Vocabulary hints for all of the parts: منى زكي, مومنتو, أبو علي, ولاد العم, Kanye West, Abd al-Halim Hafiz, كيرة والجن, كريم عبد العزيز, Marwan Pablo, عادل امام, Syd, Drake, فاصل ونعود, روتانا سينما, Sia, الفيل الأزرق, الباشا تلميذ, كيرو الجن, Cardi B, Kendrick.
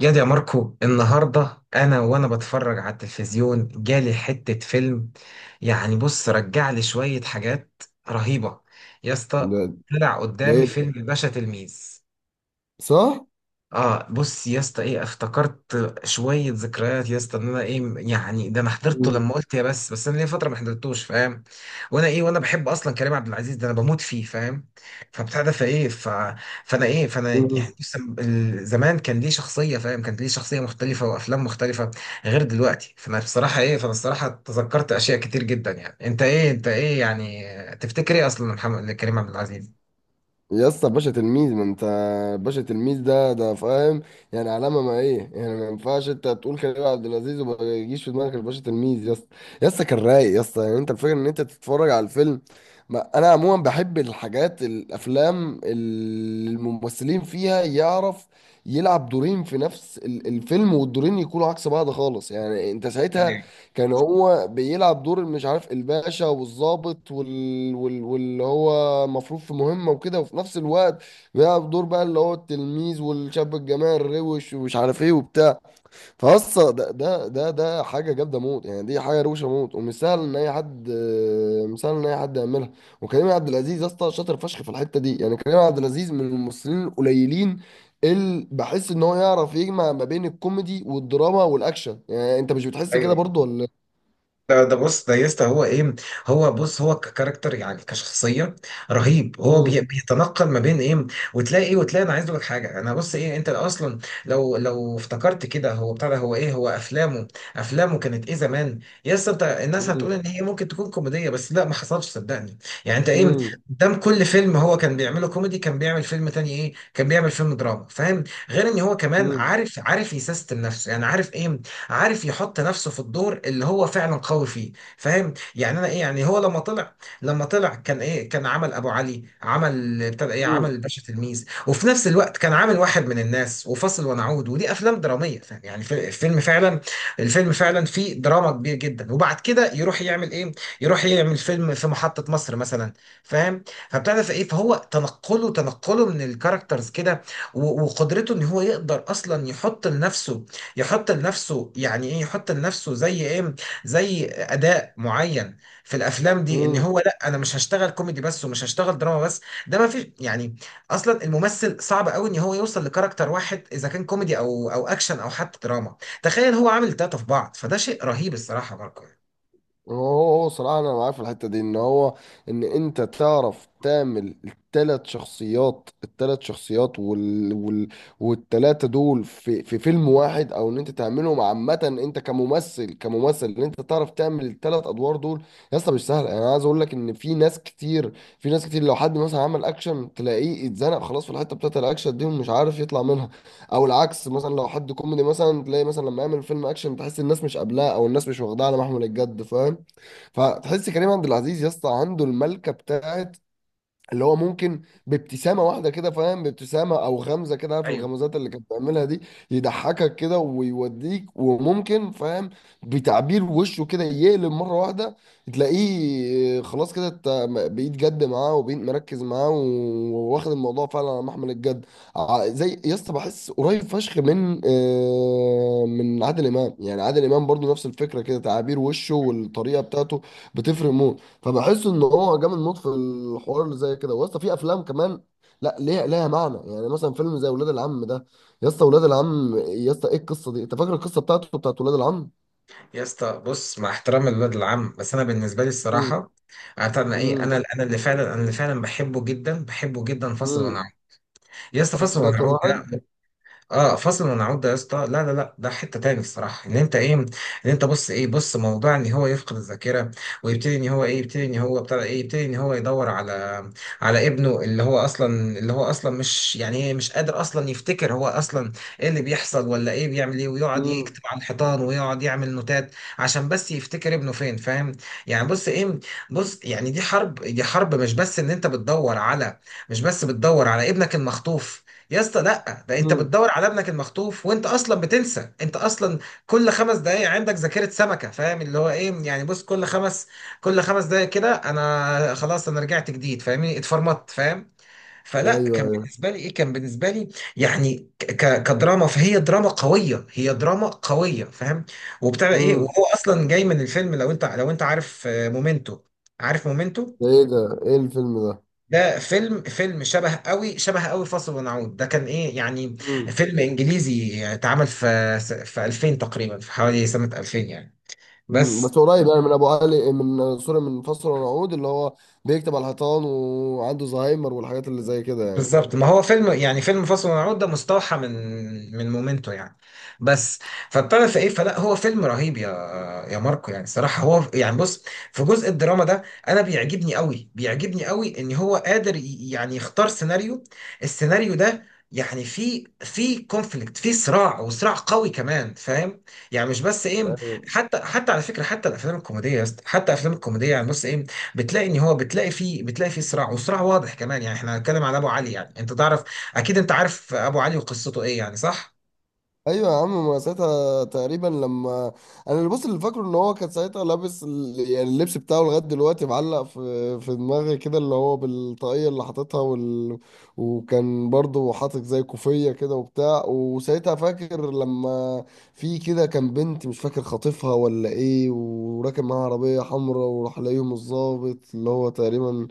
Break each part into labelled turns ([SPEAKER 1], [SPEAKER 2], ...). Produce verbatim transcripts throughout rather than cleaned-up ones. [SPEAKER 1] يا دي يا ماركو، النهاردة أنا وأنا بتفرج على التلفزيون جالي حتة فيلم. يعني بص رجع لي شوية حاجات رهيبة. يا
[SPEAKER 2] ده
[SPEAKER 1] اسطى، طلع
[SPEAKER 2] ده
[SPEAKER 1] قدامي
[SPEAKER 2] ايه
[SPEAKER 1] فيلم
[SPEAKER 2] ده؟
[SPEAKER 1] الباشا تلميذ.
[SPEAKER 2] صح؟
[SPEAKER 1] اه بص يا اسطى، ايه، افتكرت شويه ذكريات يا اسطى، ان انا ايه يعني ده انا حضرته
[SPEAKER 2] مم.
[SPEAKER 1] لما قلت، يا بس بس انا ليا فتره ما حضرتوش، فاهم. وانا ايه وانا بحب اصلا كريم عبد العزيز، ده انا بموت فيه فاهم. فبتاع ده فايه ف... فانا ايه فانا يعني
[SPEAKER 2] مم.
[SPEAKER 1] بص، ال- زمان كان ليه شخصيه فاهم، كانت ليه شخصيه مختلفه وافلام مختلفه، غير دلوقتي. فانا بصراحه ايه، فانا الصراحه تذكرت اشياء كتير جدا. يعني انت ايه انت ايه يعني تفتكر ايه اصلا محمد كريم عبد العزيز؟
[SPEAKER 2] يا اسطى، باشا تلميذ، ما انت باشا تلميذ ده ده فاهم. يعني علامه، ما ايه يعني، ما ينفعش انت تقول كريم عبد العزيز وما يجيش في دماغك الباشا تلميذ يا اسطى. يا اسطى كان رايق يا اسطى، يعني انت الفكره ان انت تتفرج على الفيلم. ما انا عموما بحب الحاجات، الافلام اللي الممثلين فيها يعرف يلعب دورين في نفس ال- الفيلم، والدورين يكونوا عكس بعض خالص، يعني انت ساعتها كان هو بيلعب دور، مش عارف، الباشا والضابط وال... وال... واللي هو مفروض في مهمة وكده، وفي نفس الوقت بيلعب دور بقى اللي هو التلميذ والشاب الجماعي الروش ومش عارف ايه وبتاع. فاصلا ده ده ده ده حاجة جامدة موت، يعني دي حاجة روشة موت، ومش سهل ان اي حد آه، مش سهل ان اي حد يعملها. وكريم عبد العزيز يا اسطى شاطر فشخ في الحتة دي، يعني كريم عبد العزيز من الممثلين القليلين اللي بحس ان هو يعرف يجمع ما بين الكوميدي والدراما والاكشن، يعني انت مش بتحس كده برضو ولا؟
[SPEAKER 1] لا ده بص ده يسطا، هو ايه، هو بص، هو ككاركتر يعني كشخصيه رهيب. هو
[SPEAKER 2] مم.
[SPEAKER 1] بي- بيتنقل ما بين ايه وتلاقي ايه، وتلاقي انا عايز اقول لك حاجه، انا بص ايه، انت اصلا لو لو افتكرت كده هو بتاع ده، هو ايه، هو افلامه، افلامه كانت ايه زمان. يسطا انت الناس
[SPEAKER 2] مم.
[SPEAKER 1] هتقول ان هي ممكن تكون كوميديه، بس لا ما حصلش صدقني. يعني انت ايه،
[SPEAKER 2] مم.
[SPEAKER 1] قدام كل فيلم هو كان بيعمله كوميدي كان بيعمل فيلم تاني، ايه، كان بيعمل فيلم دراما فاهم. غير ان هو كمان
[SPEAKER 2] مم.
[SPEAKER 1] عارف عارف يسيستم نفسه، يعني عارف ايه، عارف يحط نفسه في الدور اللي هو فعلا قوي فيه فاهم. يعني انا ايه، يعني هو لما طلع، لما طلع كان ايه، كان عمل ابو علي، عمل، ابتدى ايه، عمل
[SPEAKER 2] مم.
[SPEAKER 1] الباشا تلميذ، وفي نفس الوقت كان عامل واحد من الناس وفاصل ونعود، ودي افلام دراميه فاهم؟ يعني في- الفيلم فعلا، الفيلم فعلا فيه دراما كبير جدا، وبعد كده يروح يعمل ايه، يروح يعمل فيلم في محطه مصر مثلا، فاهم. فابتدى في ايه، فهو تنقله، تنقله من الكاركترز كده، و- وقدرته ان هو يقدر اصلا يحط لنفسه، يحط لنفسه يعني ايه، يحط لنفسه زي ايه، زي اداء معين في الافلام دي، ان
[SPEAKER 2] مم.
[SPEAKER 1] هو لا، انا مش هشتغل كوميدي بس ومش هشتغل دراما بس. ده ما فيش يعني. اصلا الممثل صعب قوي ان هو يوصل لكاركتر واحد، اذا كان كوميدي او او اكشن او حتى دراما. تخيل هو عامل تلاتة في بعض، فده شيء رهيب الصراحة ماركو.
[SPEAKER 2] هو هو صراحة أنا معاه في الحتة دي إن هو، إن أنت تعرف تعمل التلات شخصيات التلات شخصيات وال... وال... والتلاتة دول في... في فيلم واحد، أو إن أنت تعملهم عامة. أنت كممثل، كممثل إن أنت تعرف تعمل التلات أدوار دول. يا اسطى مش سهل، يعني أنا عايز أقول لك إن في ناس كتير في ناس كتير، لو حد مثلا عمل أكشن تلاقيه اتزنق خلاص في الحتة بتاعت الأكشن دي ومش عارف يطلع منها. أو العكس، مثلا لو حد كوميدي، مثلا تلاقي مثلا لما يعمل فيلم أكشن تحس الناس مش قابلاه أو الناس مش واخداه على محمل الجد فاهم. فتحس كريم عبد العزيز يا اسطى عنده الملكه بتاعت اللي هو ممكن بابتسامه واحده كده فاهم، بابتسامه او غمزه كده، عارف
[SPEAKER 1] ايوه
[SPEAKER 2] الغمزات اللي كانت بيعملها دي، يضحكك كده ويوديك وممكن فاهم، بتعبير وشه كده يقلب مره واحده، تلاقيه خلاص كده انت م- بقيت جد معاه وبقيت مركز معاه و- وواخد الموضوع فعلا على محمل الجد. ع- زي يا اسطى بحس قريب فشخ من آه، من عادل امام، يعني عادل امام برضو نفس الفكره كده، تعابير وشه والطريقه بتاعته بتفرق موت. فبحس ان هو جامد موت في الحوار اللي زي كده، واسطى في افلام كمان لا، ليها ليها معنى. يعني مثلا فيلم زي ولاد العم ده، يا اسطى ولاد العم، يا اسطى ايه القصه دي؟ انت فاكر القصه بتاعته بتاعت ولاد العم؟
[SPEAKER 1] يا اسطى بص، مع احترام الولد العم، بس انا بالنسبه لي
[SPEAKER 2] امم.
[SPEAKER 1] الصراحه، عارف انا ايه، انا
[SPEAKER 2] امم.
[SPEAKER 1] انا اللي فعلا، انا اللي فعلا بحبه جدا، بحبه جدا، فاصل
[SPEAKER 2] امم.
[SPEAKER 1] ونعود. يا اسطى فاصل
[SPEAKER 2] ده اكتر
[SPEAKER 1] ونعود
[SPEAKER 2] واحد.
[SPEAKER 1] ده، اه فصل ونعود ده يا اسطى، لا لا لا، ده حته تاني الصراحه. ان انت ايه، ان انت بص ايه، بص، موضوع ان هو يفقد الذاكره، ويبتدي ان هو ايه، يبتدي ان هو بتاع ايه، يبتدي ان هو يدور على، على ابنه اللي هو اصلا، اللي هو اصلا مش يعني ايه، مش قادر اصلا يفتكر هو اصلا ايه اللي بيحصل ولا ايه، بيعمل ايه، ويقعد
[SPEAKER 2] امم.
[SPEAKER 1] يكتب على الحيطان ويقعد يعمل نوتات عشان بس يفتكر ابنه فين فاهم. يعني بص ايه، بص، يعني دي حرب، دي حرب مش بس ان انت بتدور على، مش بس بتدور على ابنك المخطوف، يا اسطى لا، ده انت
[SPEAKER 2] امم.
[SPEAKER 1] بتدور على ابنك المخطوف وانت اصلا بتنسى، انت اصلا كل خمس دقايق عندك ذاكرة سمكة فاهم. اللي هو ايه، يعني بص، كل خمس كل خمس دقايق كده انا خلاص، انا رجعت جديد فاهمني، اتفرمطت فاهم. فلا
[SPEAKER 2] ايوه،
[SPEAKER 1] كان
[SPEAKER 2] ايوه.
[SPEAKER 1] بالنسبة لي ايه، كان بالنسبة لي يعني ك ك- كدراما، فهي دراما قوية، هي دراما قوية فاهم وبتاع ايه،
[SPEAKER 2] امم.
[SPEAKER 1] وهو اصلا جاي من الفيلم، لو انت لو انت عارف آه، مومنتو، عارف مومنتو.
[SPEAKER 2] ده ايه ده ايه الفيلم ده؟
[SPEAKER 1] ده فيلم، فيلم شبه قوي، شبه قوي فاصل ونعود ده كان ايه يعني،
[SPEAKER 2] امم.
[SPEAKER 1] فيلم انجليزي اتعمل في، في ألفين تقريبا، في حوالي سنة ألفين يعني
[SPEAKER 2] امم. بس
[SPEAKER 1] بس.
[SPEAKER 2] قريب يعني، من ابو علي، من سوري، من فصل ونعود اللي هو بيكتب على الحيطان وعنده زهايمر والحاجات اللي زي كده يعني.
[SPEAKER 1] بالظبط ما هو فيلم، يعني فيلم فاصل ونعود ده مستوحى من، من مومنتو يعني بس. فبتعرف ايه، فلا هو فيلم رهيب يا، يا ماركو يعني الصراحه هو يعني بص، في جزء الدراما ده انا بيعجبني قوي، بيعجبني قوي ان هو قادر ي- يعني يختار سيناريو، السيناريو ده، يعني في في كونفليكت في صراع، وصراع قوي كمان فاهم. يعني مش بس ايه،
[SPEAKER 2] ايوه،
[SPEAKER 1] حتى حتى على فكره، حتى الافلام الكوميديه يا اسطى، حتى الافلام الكوميديه يعني بص ايه، بتلاقي ان هو، بتلاقي فيه، بتلاقي فيه صراع وصراع واضح كمان. يعني احنا هنتكلم على ابو علي، يعني انت تعرف اكيد، انت عارف ابو علي وقصته ايه يعني صح؟
[SPEAKER 2] ايوه يا عم، ما ساعتها تقريبا لما انا اللي بص، اللي فاكره ان هو كان ساعتها لابس ال- يعني اللبس بتاعه لغايه دلوقتي معلق في في دماغي كده، اللي هو بالطاقيه اللي حاططها وال... وكان برضه حاطط زي كوفيه كده وبتاع. وساعتها فاكر لما في كده كان بنت مش فاكر خاطفها ولا ايه، وراكب معاها عربيه حمراء، وراح لاقيهم الظابط اللي هو تقريبا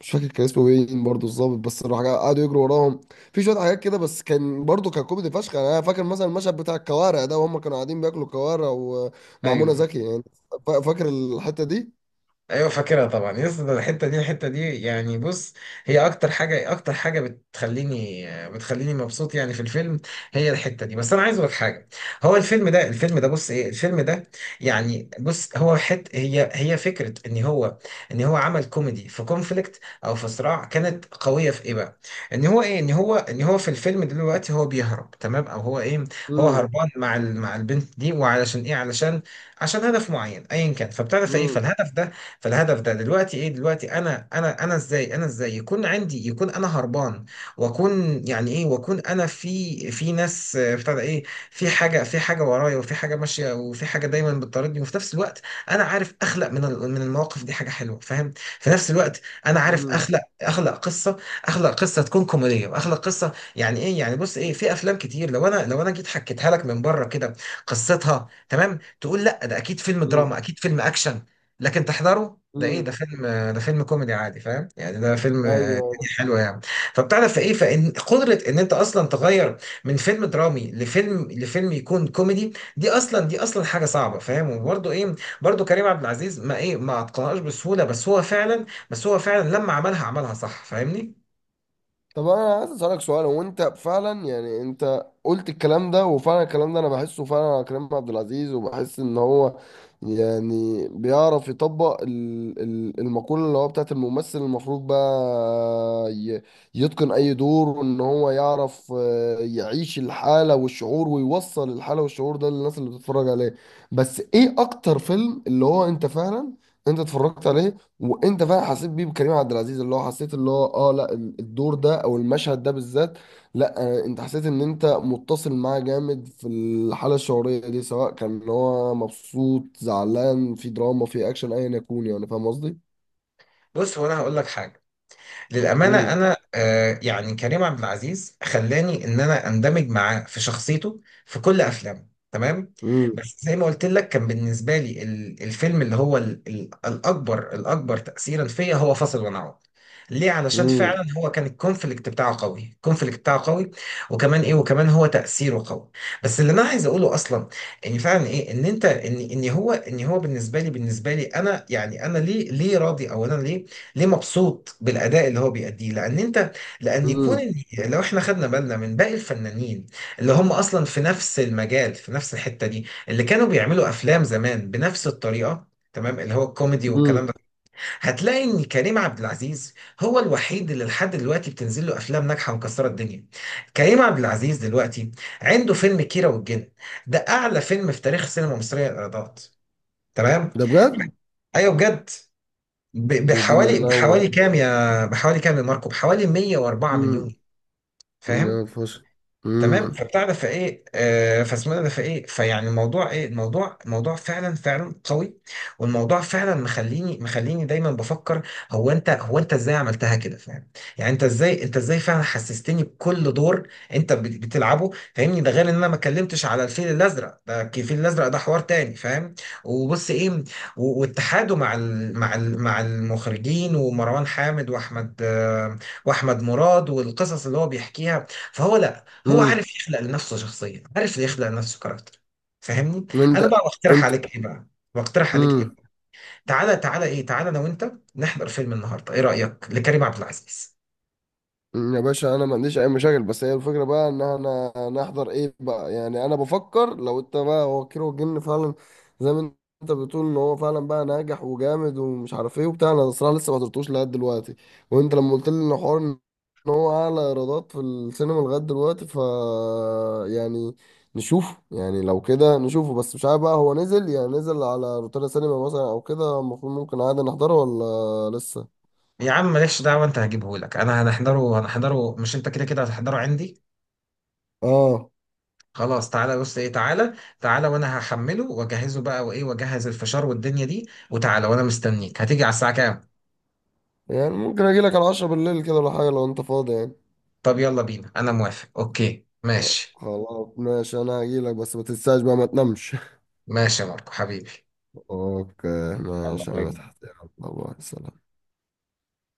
[SPEAKER 2] مش فاكر كان اسمه مين برضه الظابط، بس راح قعدوا يجروا وراهم. في شويه حاجات كده بس كان برضه كان كوميدي فشخ، يعني انا فاكر مثلا المشهد بتاع الكوارع ده، وهم كانوا قاعدين بياكلوا كوارع ومع منى
[SPEAKER 1] ايوه
[SPEAKER 2] زكي يعني. فا- فاكر الحته دي.
[SPEAKER 1] ايوه، فاكرها طبعا يا اسطى، ده الحته دي، الحته دي يعني بص، هي اكتر حاجه، اكتر حاجه بتخليني بتخليني مبسوط يعني في الفيلم، هي الحته دي. بس انا عايز اقول لك حاجه، هو الفيلم ده، الفيلم ده بص ايه، الفيلم ده يعني بص، هو حت، هي هي فكره ان هو ان هو عمل كوميدي في كونفليكت او في صراع كانت قويه في ايه بقى، ان هو ايه، ان هو ان هو في الفيلم دلوقتي هو بيهرب تمام، او هو ايه، هو
[SPEAKER 2] امم.
[SPEAKER 1] هربان مع ال- مع البنت دي، وعلشان ايه، علشان عشان هدف معين ايا كان، فبتعرف ايه،
[SPEAKER 2] امم.
[SPEAKER 1] فالهدف ده، فالهدف ده دلوقتي ايه، دلوقتي انا انا انا ازاي انا ازاي يكون عندي، يكون انا هربان، واكون يعني ايه، واكون انا في، في ناس آه، بتاع ده ايه، في حاجه، في حاجه ورايا وفي حاجه ماشيه، وفي حاجه دايما بتطاردني، وفي نفس الوقت انا عارف اخلق من ال- من المواقف دي حاجه حلوه فاهم. في نفس الوقت انا عارف
[SPEAKER 2] امم.
[SPEAKER 1] اخلق، اخلق قصه اخلق قصه تكون كوميديه، واخلق قصه يعني ايه، يعني بص ايه، في افلام كتير، لو انا لو انا جيت حكيتها لك من بره كده قصتها، تمام تقول لا ده اكيد فيلم دراما، اكيد فيلم اكشن، لكن تحضره ده ايه،
[SPEAKER 2] امم.
[SPEAKER 1] ده فيلم، ده فيلم كوميدي عادي فاهم. يعني ده فيلم آه، الدنيا
[SPEAKER 2] ايوه.
[SPEAKER 1] حلوه يعني. فبتعرف في ايه، فان قدره ان انت اصلا تغير من فيلم درامي لفيلم، لفيلم يكون كوميدي، دي اصلا دي اصلا حاجه صعبه فاهم. وبرده ايه، برده كريم عبد العزيز ما ايه، ما اتقنهاش بسهوله، بس هو فعلا، بس هو فعلا لما عملها عملها صح فاهمني.
[SPEAKER 2] طب انا عايز اسالك سؤال، هو انت فعلا، يعني انت قلت الكلام ده وفعلا الكلام ده انا بحسه فعلا على كريم عبد العزيز، وبحس ان هو يعني بيعرف يطبق ال- ال- المقولة اللي هو بتاعت الممثل المفروض بقى ي- يتقن اي دور، وان هو يعرف آه، يعيش الحالة والشعور ويوصل الحالة والشعور ده للناس اللي بتتفرج عليه. بس ايه اكتر فيلم اللي هو انت فعلا انت اتفرجت عليه وانت فعلا حسيت بيه بكريم عبد العزيز، اللي هو حسيت، اللي هو اه، لا، ال- الدور ده او المشهد ده بالذات؟ لا، آه، انت حسيت ان انت متصل معاه جامد في الحاله الشعوريه دي، سواء كان هو مبسوط، زعلان، في دراما، في اكشن، ايا يكون، يعني فاهم قصدي؟
[SPEAKER 1] بص هو انا هقول لك حاجه، للأمانة
[SPEAKER 2] امم.
[SPEAKER 1] أنا آه، يعني كريم عبد العزيز خلاني إن أنا أندمج معاه في شخصيته في كل أفلامه تمام.
[SPEAKER 2] امم.
[SPEAKER 1] بس زي ما قلت لك، كان بالنسبة لي ال- الفيلم اللي هو ال- ال- الأكبر، الأكبر تأثيرا فيا هو فاصل ونعود. ليه؟ علشان
[SPEAKER 2] امم.
[SPEAKER 1] فعلا هو كان الكونفليكت بتاعه قوي، الكونفليكت بتاعه قوي وكمان ايه، وكمان هو تأثيره قوي. بس اللي انا عايز اقوله اصلا، ان فعلا ايه، ان انت ان ان هو ان هو بالنسبه لي، بالنسبه لي انا يعني انا ليه، ليه راضي او انا ليه، ليه مبسوط بالاداء اللي هو بيأديه. لان انت، لان يكون
[SPEAKER 2] امم.
[SPEAKER 1] ال- لو احنا خدنا بالنا من باقي الفنانين اللي هم اصلا في نفس المجال، في نفس الحتة دي، اللي كانوا بيعملوا افلام زمان بنفس الطريقة تمام، اللي هو الكوميدي والكلام ده،
[SPEAKER 2] امم.
[SPEAKER 1] هتلاقي ان كريم عبد العزيز هو الوحيد اللي لحد دلوقتي بتنزل له افلام ناجحه ومكسره الدنيا. كريم عبد العزيز دلوقتي عنده فيلم كيرة والجن، ده اعلى فيلم في تاريخ السينما المصريه الايرادات تمام.
[SPEAKER 2] ده بجد؟
[SPEAKER 1] ايوه بجد، ب-
[SPEAKER 2] يديني
[SPEAKER 1] بحوالي،
[SPEAKER 2] منور.
[SPEAKER 1] بحوالي كام يا بحوالي كام يا ماركو، بحوالي مية واربعة
[SPEAKER 2] امم.
[SPEAKER 1] مليون فاهم
[SPEAKER 2] يا فشخ.
[SPEAKER 1] تمام.
[SPEAKER 2] امم.
[SPEAKER 1] فبتاع ده فايه آه، فاسمنا ده فايه، فيعني الموضوع ايه، الموضوع موضوع فعلا، فعلا قوي والموضوع فعلا مخليني، مخليني دايما بفكر، هو انت، هو انت ازاي عملتها كده فاهم. يعني انت ازاي، انت ازاي فعلا حسستني بكل دور انت بت- بتلعبه فاهمني. ده غير ان انا ما اتكلمتش على الفيل الازرق ده، الفيل الازرق ده حوار تاني فاهم. وبص ايه، و- واتحاده مع ال مع ال مع المخرجين، ومروان حامد، واحمد آه واحمد مراد، والقصص اللي هو بيحكيها. فهو، هو
[SPEAKER 2] امم.
[SPEAKER 1] عارف يخلق لنفسه شخصية، عارف يخلق لنفسه كاركتر فاهمني. انا
[SPEAKER 2] انت
[SPEAKER 1] بقى بقترح
[SPEAKER 2] انت
[SPEAKER 1] عليك ايه بقى، بقترح عليك ايه
[SPEAKER 2] مم.
[SPEAKER 1] تعالى تعالى ايه تعالى انا وانت نحضر فيلم النهارده، ايه رأيك لكريم عبد العزيز؟
[SPEAKER 2] أمم، يا باشا، انا ما عنديش اي مشاكل، بس هي الفكره بقى ان انا نحضر ايه بقى، يعني انا بفكر، لو انت بقى هو كيرو الجن فعلا زي ما انت بتقول ان هو فعلا بقى ناجح وجامد ومش عارف ايه وبتاع، انا الصراحه لسه ما حضرتوش لغايه دلوقتي. وانت لما قلت لي ان حوار ان هو اعلى ايرادات في السينما لغايه دلوقتي، ف، يعني نشوفه يعني، لو كده نشوفه، بس مش عارف بقى، هو نزل يعني نزل على روتانا سينما مثلا او كده المفروض ممكن عادي نحضره، ولا لسه؟
[SPEAKER 1] يا عم مالكش دعوة، انت هجيبه لك، انا هنحضره، هنحضره مش انت كده كده هتحضره عندي.
[SPEAKER 2] اه،
[SPEAKER 1] خلاص تعالى بص ايه، تعالى، تعالى وانا هحمله واجهزه بقى، وايه، واجهز الفشار والدنيا دي، وتعالى وانا مستنيك. هتيجي على الساعة كام؟
[SPEAKER 2] يعني ممكن اجي لك على عشرة بالليل كده، ولا حاجه لو انت فاضي يعني.
[SPEAKER 1] طب يلا بينا انا موافق، اوكي
[SPEAKER 2] طب
[SPEAKER 1] ماشي.
[SPEAKER 2] خلاص، ماشي، انا هجي لك، بس ما تنساش بقى، ما تنامش.
[SPEAKER 1] ماشي يا ماركو حبيبي.
[SPEAKER 2] اوكي،
[SPEAKER 1] الله
[SPEAKER 2] ماشي يا
[SPEAKER 1] يبارك.
[SPEAKER 2] مدحت، يلا، باي، سلام.